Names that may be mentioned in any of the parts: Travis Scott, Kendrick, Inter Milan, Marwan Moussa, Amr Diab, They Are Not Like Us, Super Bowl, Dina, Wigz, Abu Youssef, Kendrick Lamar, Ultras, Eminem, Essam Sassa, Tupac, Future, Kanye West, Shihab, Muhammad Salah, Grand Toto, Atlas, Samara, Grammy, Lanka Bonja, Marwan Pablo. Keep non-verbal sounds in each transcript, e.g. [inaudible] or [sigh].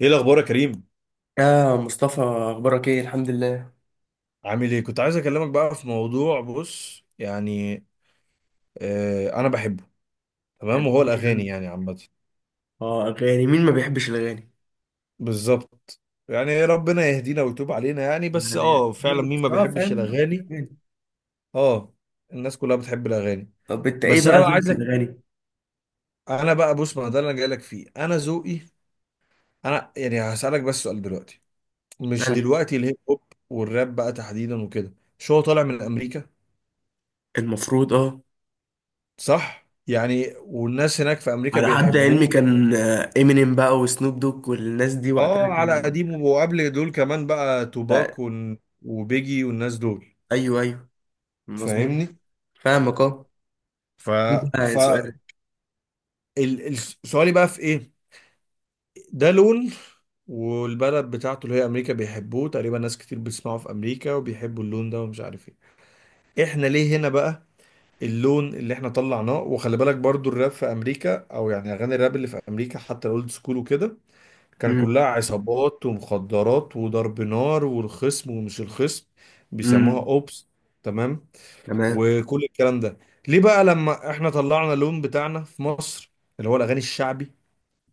ايه الاخبار يا كريم؟ يا مصطفى، اخبارك ايه؟ الحمد لله. عامل ايه؟ كنت عايز اكلمك بقى في موضوع. بص، انا بحبه. يعني تمام، وهو إيه يا الاغاني عم؟ يعني عامه. اه، اغاني. مين ما بيحبش الاغاني؟ بالظبط، يعني ربنا يهدينا ويتوب علينا، يعني بس يعني يا اه فعلا رب. مين ما بس بيحبش فاهم الاغاني. يعني. اه، الناس كلها بتحب الاغاني. طب انت ايه بس بقى انا بقى ذوقك في عايزك، الاغاني؟ انا بقى بص، ما ده اللي انا جاي لك فيه. انا ذوقي، انا يعني هسالك بس سؤال دلوقتي. مش أنا دلوقتي، الهيب هوب والراب بقى تحديدا وكده، شو هو طالع من امريكا، المفروض صح؟ يعني والناس هناك في امريكا على حد علمي بيحبوه. كان امينيم بقى وسنوب دوج والناس دي وقتها اه، على كان قديم، وقبل دول كمان بقى بقى. توباك وبيجي والناس دول، ايوه ايوه، مظبوط. فاهمني؟ فاهمك، اه. ف ايه ف بقى سؤالك؟ ال- ال- سؤالي بقى في ايه. ده لون، والبلد بتاعته اللي هي امريكا بيحبوه، تقريبا ناس كتير بتسمعه في امريكا وبيحبوا اللون ده، ومش عارف ايه. احنا ليه هنا بقى، اللون اللي احنا طلعناه؟ وخلي بالك برضو الراب في امريكا، او يعني اغاني الراب اللي في امريكا حتى الاولد سكول وكده، كان امم. كلها عصابات ومخدرات وضرب نار والخصم ومش الخصم، بيسموها امم. اوبس. تمام، تمام. وكل الكلام ده، ليه بقى لما احنا طلعنا اللون بتاعنا في مصر، اللي هو الاغاني الشعبي،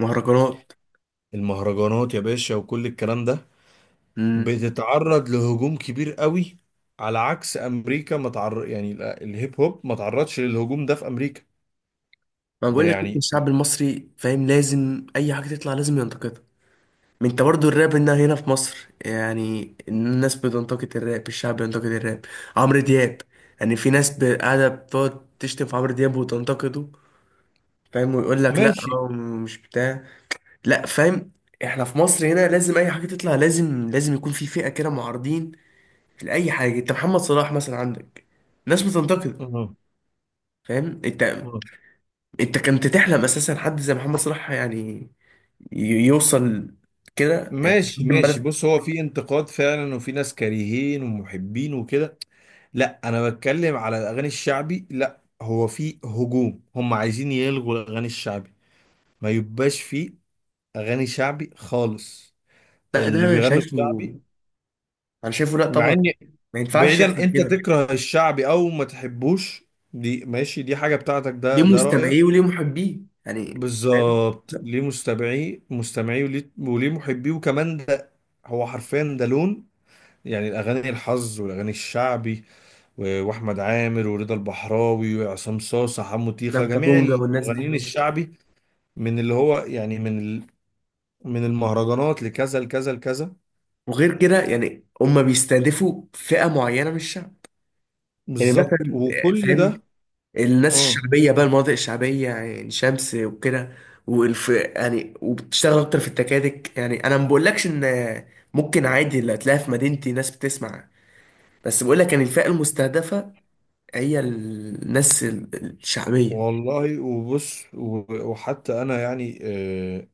مهرجانات. المهرجانات يا باشا وكل الكلام ده، امم. بتتعرض لهجوم كبير قوي، على عكس امريكا. ما تعر... يعني ال- الهيب هوب ما تعرضش للهجوم ده في امريكا. ما ده بقول لك، إنت يعني الشعب المصري فاهم، لازم اي حاجه تطلع لازم ينتقدها. ما انت برضو الراب هنا في مصر، يعني الناس بتنتقد الراب، الشعب بينتقد الراب. عمرو دياب، يعني في ناس قاعدة بتقعد تشتم في عمرو دياب وتنتقده. فاهم، ويقول لك لا ماشي. هو مش بتاع. لا، فاهم. احنا في مصر هنا، لازم اي حاجة تطلع لازم يكون في فئة كده معارضين لأي حاجة. انت محمد صلاح مثلا، عندك ناس بتنتقد. أها، فاهم انت؟ أها. انت كنت تحلم اساسا حد زي محمد صلاح يعني يوصل كده، يعني ماشي يقدم ماشي، بلد. بص، هو في انتقاد فعلا وفي ناس كارهين ومحبين وكده، لا انا بتكلم على الاغاني الشعبي. لا، هو في هجوم، هم عايزين يلغوا الاغاني الشعبي، ما يبقاش في اغاني شعبي خالص، لا ده اللي انا بيغنوا شايفه. شعبي. انا شايفه، لا مع طبعا. ان، ما ينفعش بعيدا، يحصل انت كده. تكره الشعبي او ما تحبوش، دي ماشي، دي حاجة بتاعتك، ليه ده رأيك. مستمعيه وليه محبيه. يعني، فاهم. بالظبط، ليه مستمعيه مستمعيه وليه وليه محبيه، وكمان ده هو حرفيا ده لون، يعني الاغاني الحظ والاغاني الشعبي، واحمد عامر ورضا البحراوي وعصام صاصا حمو تيخة، لانكا جميع بونجا والناس دي. المغنيين الشعبي، من اللي هو يعني من ال... من المهرجانات لكذا لكذا لكذا. وغير كده يعني هم بيستهدفوا فئة معينة من الشعب. يعني بالظبط، مثلا. وكل فاهم. ده. الناس اه الشعبية بقى، المناطق الشعبية يعني شمس وكده، والف يعني، وبتشتغل اكتر في التكاتك. يعني انا ما بقولكش ان ممكن عادي اللي هتلاقيها في مدينتي ناس بتسمع، بس بقولك يعني الفئة المستهدفة هي الناس الشعبية. والله، وبص، وحتى انا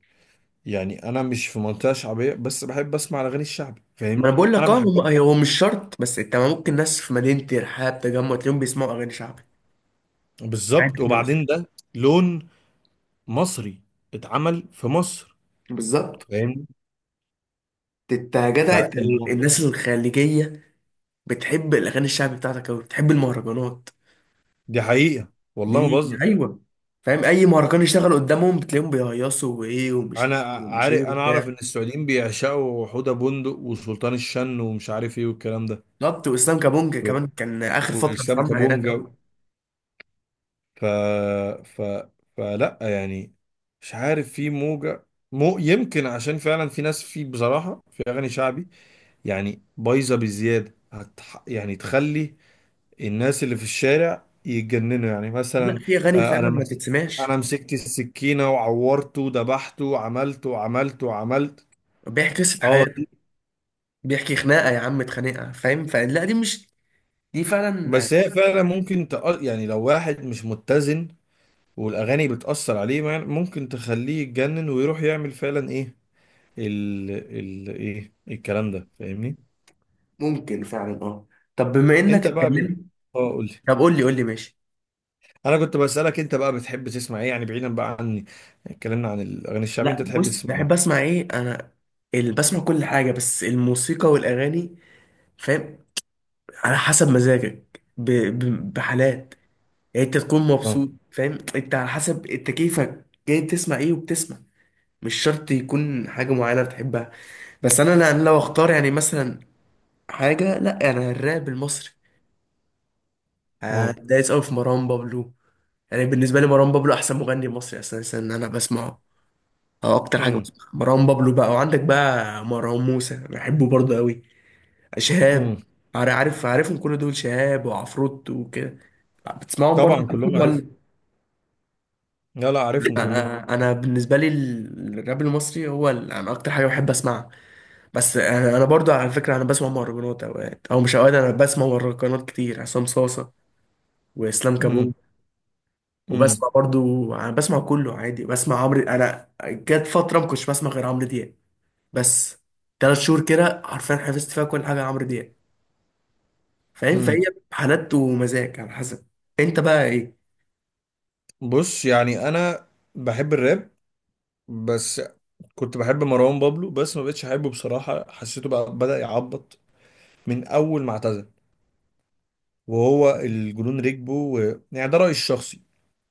يعني انا مش في منطقة شعبية بس بحب اسمع الاغاني الشعبي، ما انا فاهمني؟ بقول انا لك، اه، هم بحبها. هو مش شرط، بس انت ممكن ناس في مدينه الرحاب تجمع تلاقيهم بيسمعوا اغاني شعبي عادي بالظبط، من أصل. وبعدين ده لون مصري اتعمل في مصر، بالظبط. فاهمني؟ انت يا جدع انت. فالم... الناس الخليجيه بتحب الاغاني الشعبي بتاعتك قوي، بتحب المهرجانات دي حقيقة والله ما دي، بهزر. ايوه. فاهم؟ اي مهرجان يشتغل قدامهم بتلاقيهم بيهيصوا وايه ومش انا ومش عارف، ايه انا وبتاع. اعرف ان السعوديين بيعشقوا حوده بندق وسلطان الشن ومش عارف ايه والكلام ده، بالظبط. واسلام كابونجا و- كمان كان اخر فتره واسلام مسمع هناك كابونجا. قوي. ف... ف... فلا يعني، مش عارف، في موجه. مو يمكن عشان فعلا في ناس، في بصراحه في اغاني شعبي يعني بايظه بزياده، هتح... يعني تخلي الناس اللي في الشارع يتجننوا. يعني لا، مثلا، في اغاني انا فعلا ما تتسمعش. انا مسكت السكينه وعورته وذبحته وعملته وعملته وعملت. بيحكي قصه اه، حياته. بيحكي خناقه يا عم، اتخانقها، فاهم؟ فلا دي مش، دي فعلا بس هي فعلا ممكن تأ... يعني لو واحد مش متزن والاغاني بتأثر عليه، ممكن تخليه يتجنن ويروح يعمل فعلا ايه ايه الكلام ده، فاهمني؟ ممكن فعلا، اه. طب بما انك انت بقى ب... اتكلمت، اه قول لي. طب قول لي قول لي ماشي. انا كنت بسألك، انت بقى بتحب تسمع ايه؟ يعني بعيدا بقى عن، اتكلمنا عن الاغاني الشعبية، لا، انت تحب بص، تسمع بحب ايه؟ اسمع ايه انا؟ بسمع كل حاجه، بس الموسيقى والاغاني، فاهم؟ على حسب مزاجك، بحالات، يعني انت تكون اه. مبسوط، فاهم؟ انت على حسب انت كيفك جاي تسمع ايه وبتسمع. مش شرط يكون حاجه معينه بتحبها. بس انا أنا لو اختار يعني مثلا حاجه، لا انا الراب المصري. اه. دايس قوي في مروان بابلو. يعني بالنسبه لي مروان بابلو احسن مغني مصري، اساسا انا بسمعه. اه اكتر حاجه امم. بسمعها مروان بابلو بقى، وعندك بقى مروان موسى بحبه برضه قوي. شهاب. امم. عارف عارفهم كل دول، شهاب وعفروت وكده. بتسمعهم طبعا برضه كلهم عارفهم. ولا؟ لا لا، عارفهم كلهم. أنا بالنسبه لي الراب المصري هو انا اكتر حاجه بحب اسمعها. بس انا برضه على فكره، انا بسمع مهرجانات اوقات، او مش اوقات، انا بسمع مهرجانات كتير، عصام صاصه واسلام امم. كابونج. امم. وبسمع برضه. انا بسمع كله عادي، بسمع عمرو. انا جت فتره ما كنتش بسمع غير عمرو دياب بس. 3 شهور كده حرفيا حفظت فيها كل حاجه عمرو دياب، فاهم؟ فهي امم. حالات ومزاج على حسب. انت بقى ايه؟ بص، يعني انا بحب الراب، بس كنت بحب مروان بابلو، بس ما بقتش احبه بصراحة، حسيته بقى بدأ يعبط من اول ما اعتزل، وهو الجنون ركبه و... يعني ده رأيي الشخصي.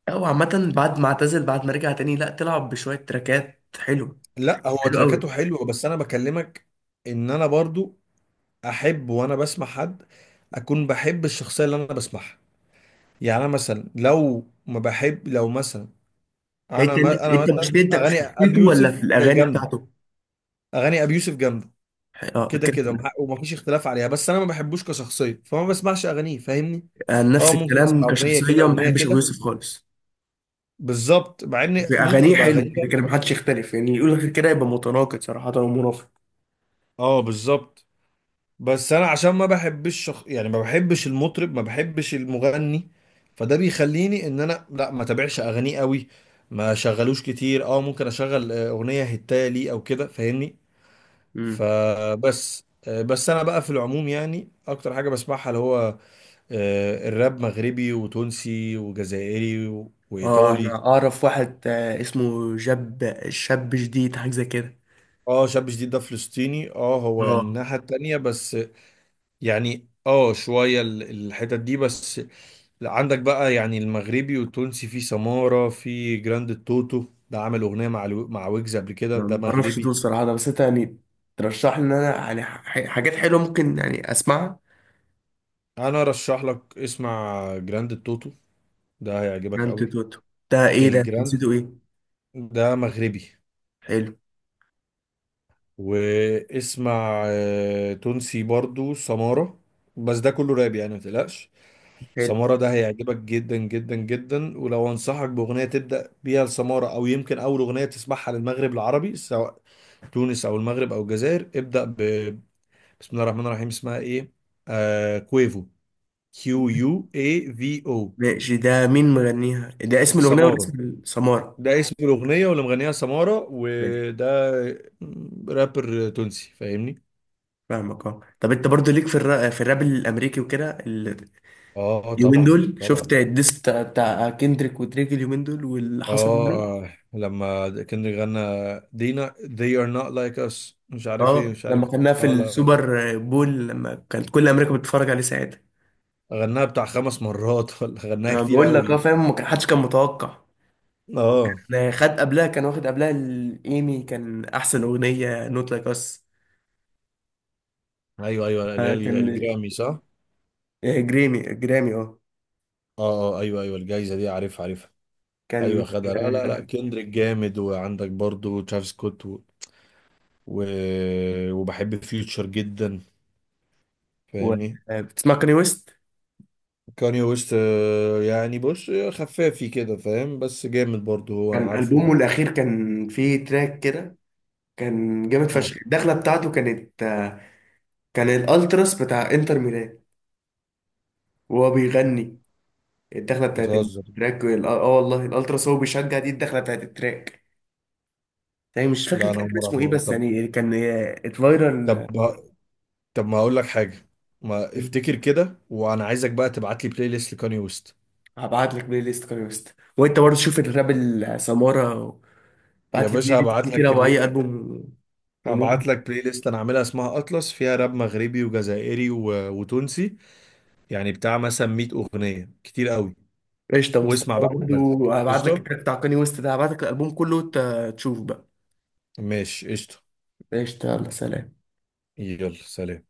او عامه بعد ما اعتزل، بعد ما رجع تاني، لا تلعب بشويه تراكات حلو. لا، هو حلو تركاته قوي. حلوة، بس انا بكلمك ان انا برضو احب وانا بسمع حد اكون بحب الشخصية اللي انا بسمعها. يعني انا مثلا، لو ما بحب، لو مثلا، انت انا ما... انا انت مثلا مشكلتك اغاني في ابي شخصيته ولا يوسف في الاغاني جامدة. بتاعته؟ اغاني ابي يوسف جامدة اه، كده كده كده، كده. ومفيش اختلاف عليها، بس انا ما بحبوش كشخصية، فما بسمعش اغانيه، فاهمني؟ اه، نفس ممكن الكلام، اسمع اغنيه كده كشخصيه ما اغنيه بحبش ابو كده، يوسف خالص. بالظبط، مع ان في ممكن اغانيه تبقى حلوه غريبه. كده كده، ما حدش يختلف يعني، يقول غير كده يبقى متناقض صراحه ومنافق. اه بالظبط، بس انا عشان ما بحبش شخ... يعني ما بحبش المطرب، ما بحبش المغني، فده بيخليني ان انا لا ما تابعش اغانيه قوي، ما شغلوش كتير. اه ممكن اشغل اغنيه هتايه لي او كده، فاهمني؟ امم. فبس آه، بس انا بقى في العموم يعني اكتر حاجه بسمعها اللي هو الراب مغربي وتونسي وجزائري اه وايطالي. انا اعرف واحد اسمه جاب شاب جديد، حاجه زي كده. اه، شاب جديد ده فلسطيني، اه هو يعني اه، الناحية التانية بس، يعني اه شوية الحتت دي بس. عندك بقى يعني المغربي والتونسي، في سمارة، في جراند التوتو، ده عمل أغنية مع مع ويجز قبل كده، انا ده ما اعرفش مغربي. دول صراحه ده، بس انت يعني ترشح لي ان انا يعني حاجات حلوه ممكن يعني اسمعها. أنا أرشح لك اسمع جراند التوتو، ده هيعجبك يعني انت قوي. توتو؟ ده ايه ده؟ انت نسيته الجراند ايه؟ ده مغربي. حلو. واسمع تونسي برضو سمارة. بس ده كله راب يعني متقلقش. حلو. سمارة ده هيعجبك جدا جدا جدا. ولو انصحك بأغنية تبدأ بيها لسمارة، او يمكن اول أغنية تسمعها للمغرب العربي، سواء تونس او المغرب او الجزائر، ابدأ ب... بسم الله الرحمن الرحيم. اسمها ايه؟ آه... كويفو، كيو يو اي في او. ماشي، ده مين مغنيها؟ ده اسم الاغنيه ولا سمارة اسم السماره؟ ده اسم الأغنية، واللي مغنيها سمارة، ماشي. وده رابر تونسي، فاهمني؟ فاهمك، اه. طب انت برضو ليك في الراب، في الراب الامريكي وكده اه آه، اليومين طبعا دول شفت طبعا. الديس بتاع كيندريك ودريك اليومين دول واللي حصل منه. اه لما كان غنى دينا they are not like us، مش عارف ايه اه، مش عارف لما ايه. كنا في اه لا لا، السوبر بول، لما كانت كل امريكا بتتفرج عليه ساعتها. غناها بتاع خمس مرات [laughs] ولا غناها ما كتير بقول لك، اه، قوي. فاهم. ما كان- حدش كان متوقع. اه وكان خد قبلها، كان واخد قبلها الايمي، كان احسن اغنيه نوت لايك اس. ايوه ايوه، اللي هي كان الجرامي، صح؟ اه. جرامي، اه. اه ايوه ايوه، الجايزه دي عارفها عارفها. كان. ايوه خدها. لا لا لا، آه، كندريك جامد، وعندك برضو ترافيس سكوت و... و... وبحب فيوتشر جدا، و- فاهمني؟ بتسمع كاني ويست؟ كاني ويست يعني بص خفافي كده، فاهم؟ بس جامد برضو هو، انا كان البومه عارفه. الاخير كان فيه تراك كده، كان جامد اه، فشخ. الدخله بتاعته كانت كان الالتراس بتاع انتر ميلان وهو بيغني الدخله بتاعت بتهزر؟ التراك والله الالتراس هو بيشجع دي الدخله بتاعت التراك. يعني مش فاكر لا، انا التراك اول كان مره اسمه أعرف ايه، الموضوع. بس طب، يعني كان طب، اتفايرال. طب ما اقول لك حاجه، ما افتكر كده، وانا عايزك بقى تبعت لي بلاي ليست لكاني ويست. هبعت لك بلاي ليست كاني ويست، وانت برضه شوف الراب السمارة. يا بعت لي بلاي باشا، ليست دي كده واي البوم هبعت ونود. لك بلاي ليست انا عاملها اسمها اطلس، فيها راب مغربي وجزائري و... وتونسي، يعني بتاع مثلا 100 اغنيه، كتير قوي. قشطة مصطفى. واسمع أنا بقى برضه وتمزج. هبعت لك قشطه. التراك بتاع كاني ويست ده، هبعت لك الالبوم كله وانت تشوف بقى. ماشي قشطه. قشطة، يلا سلام. يلا سلام.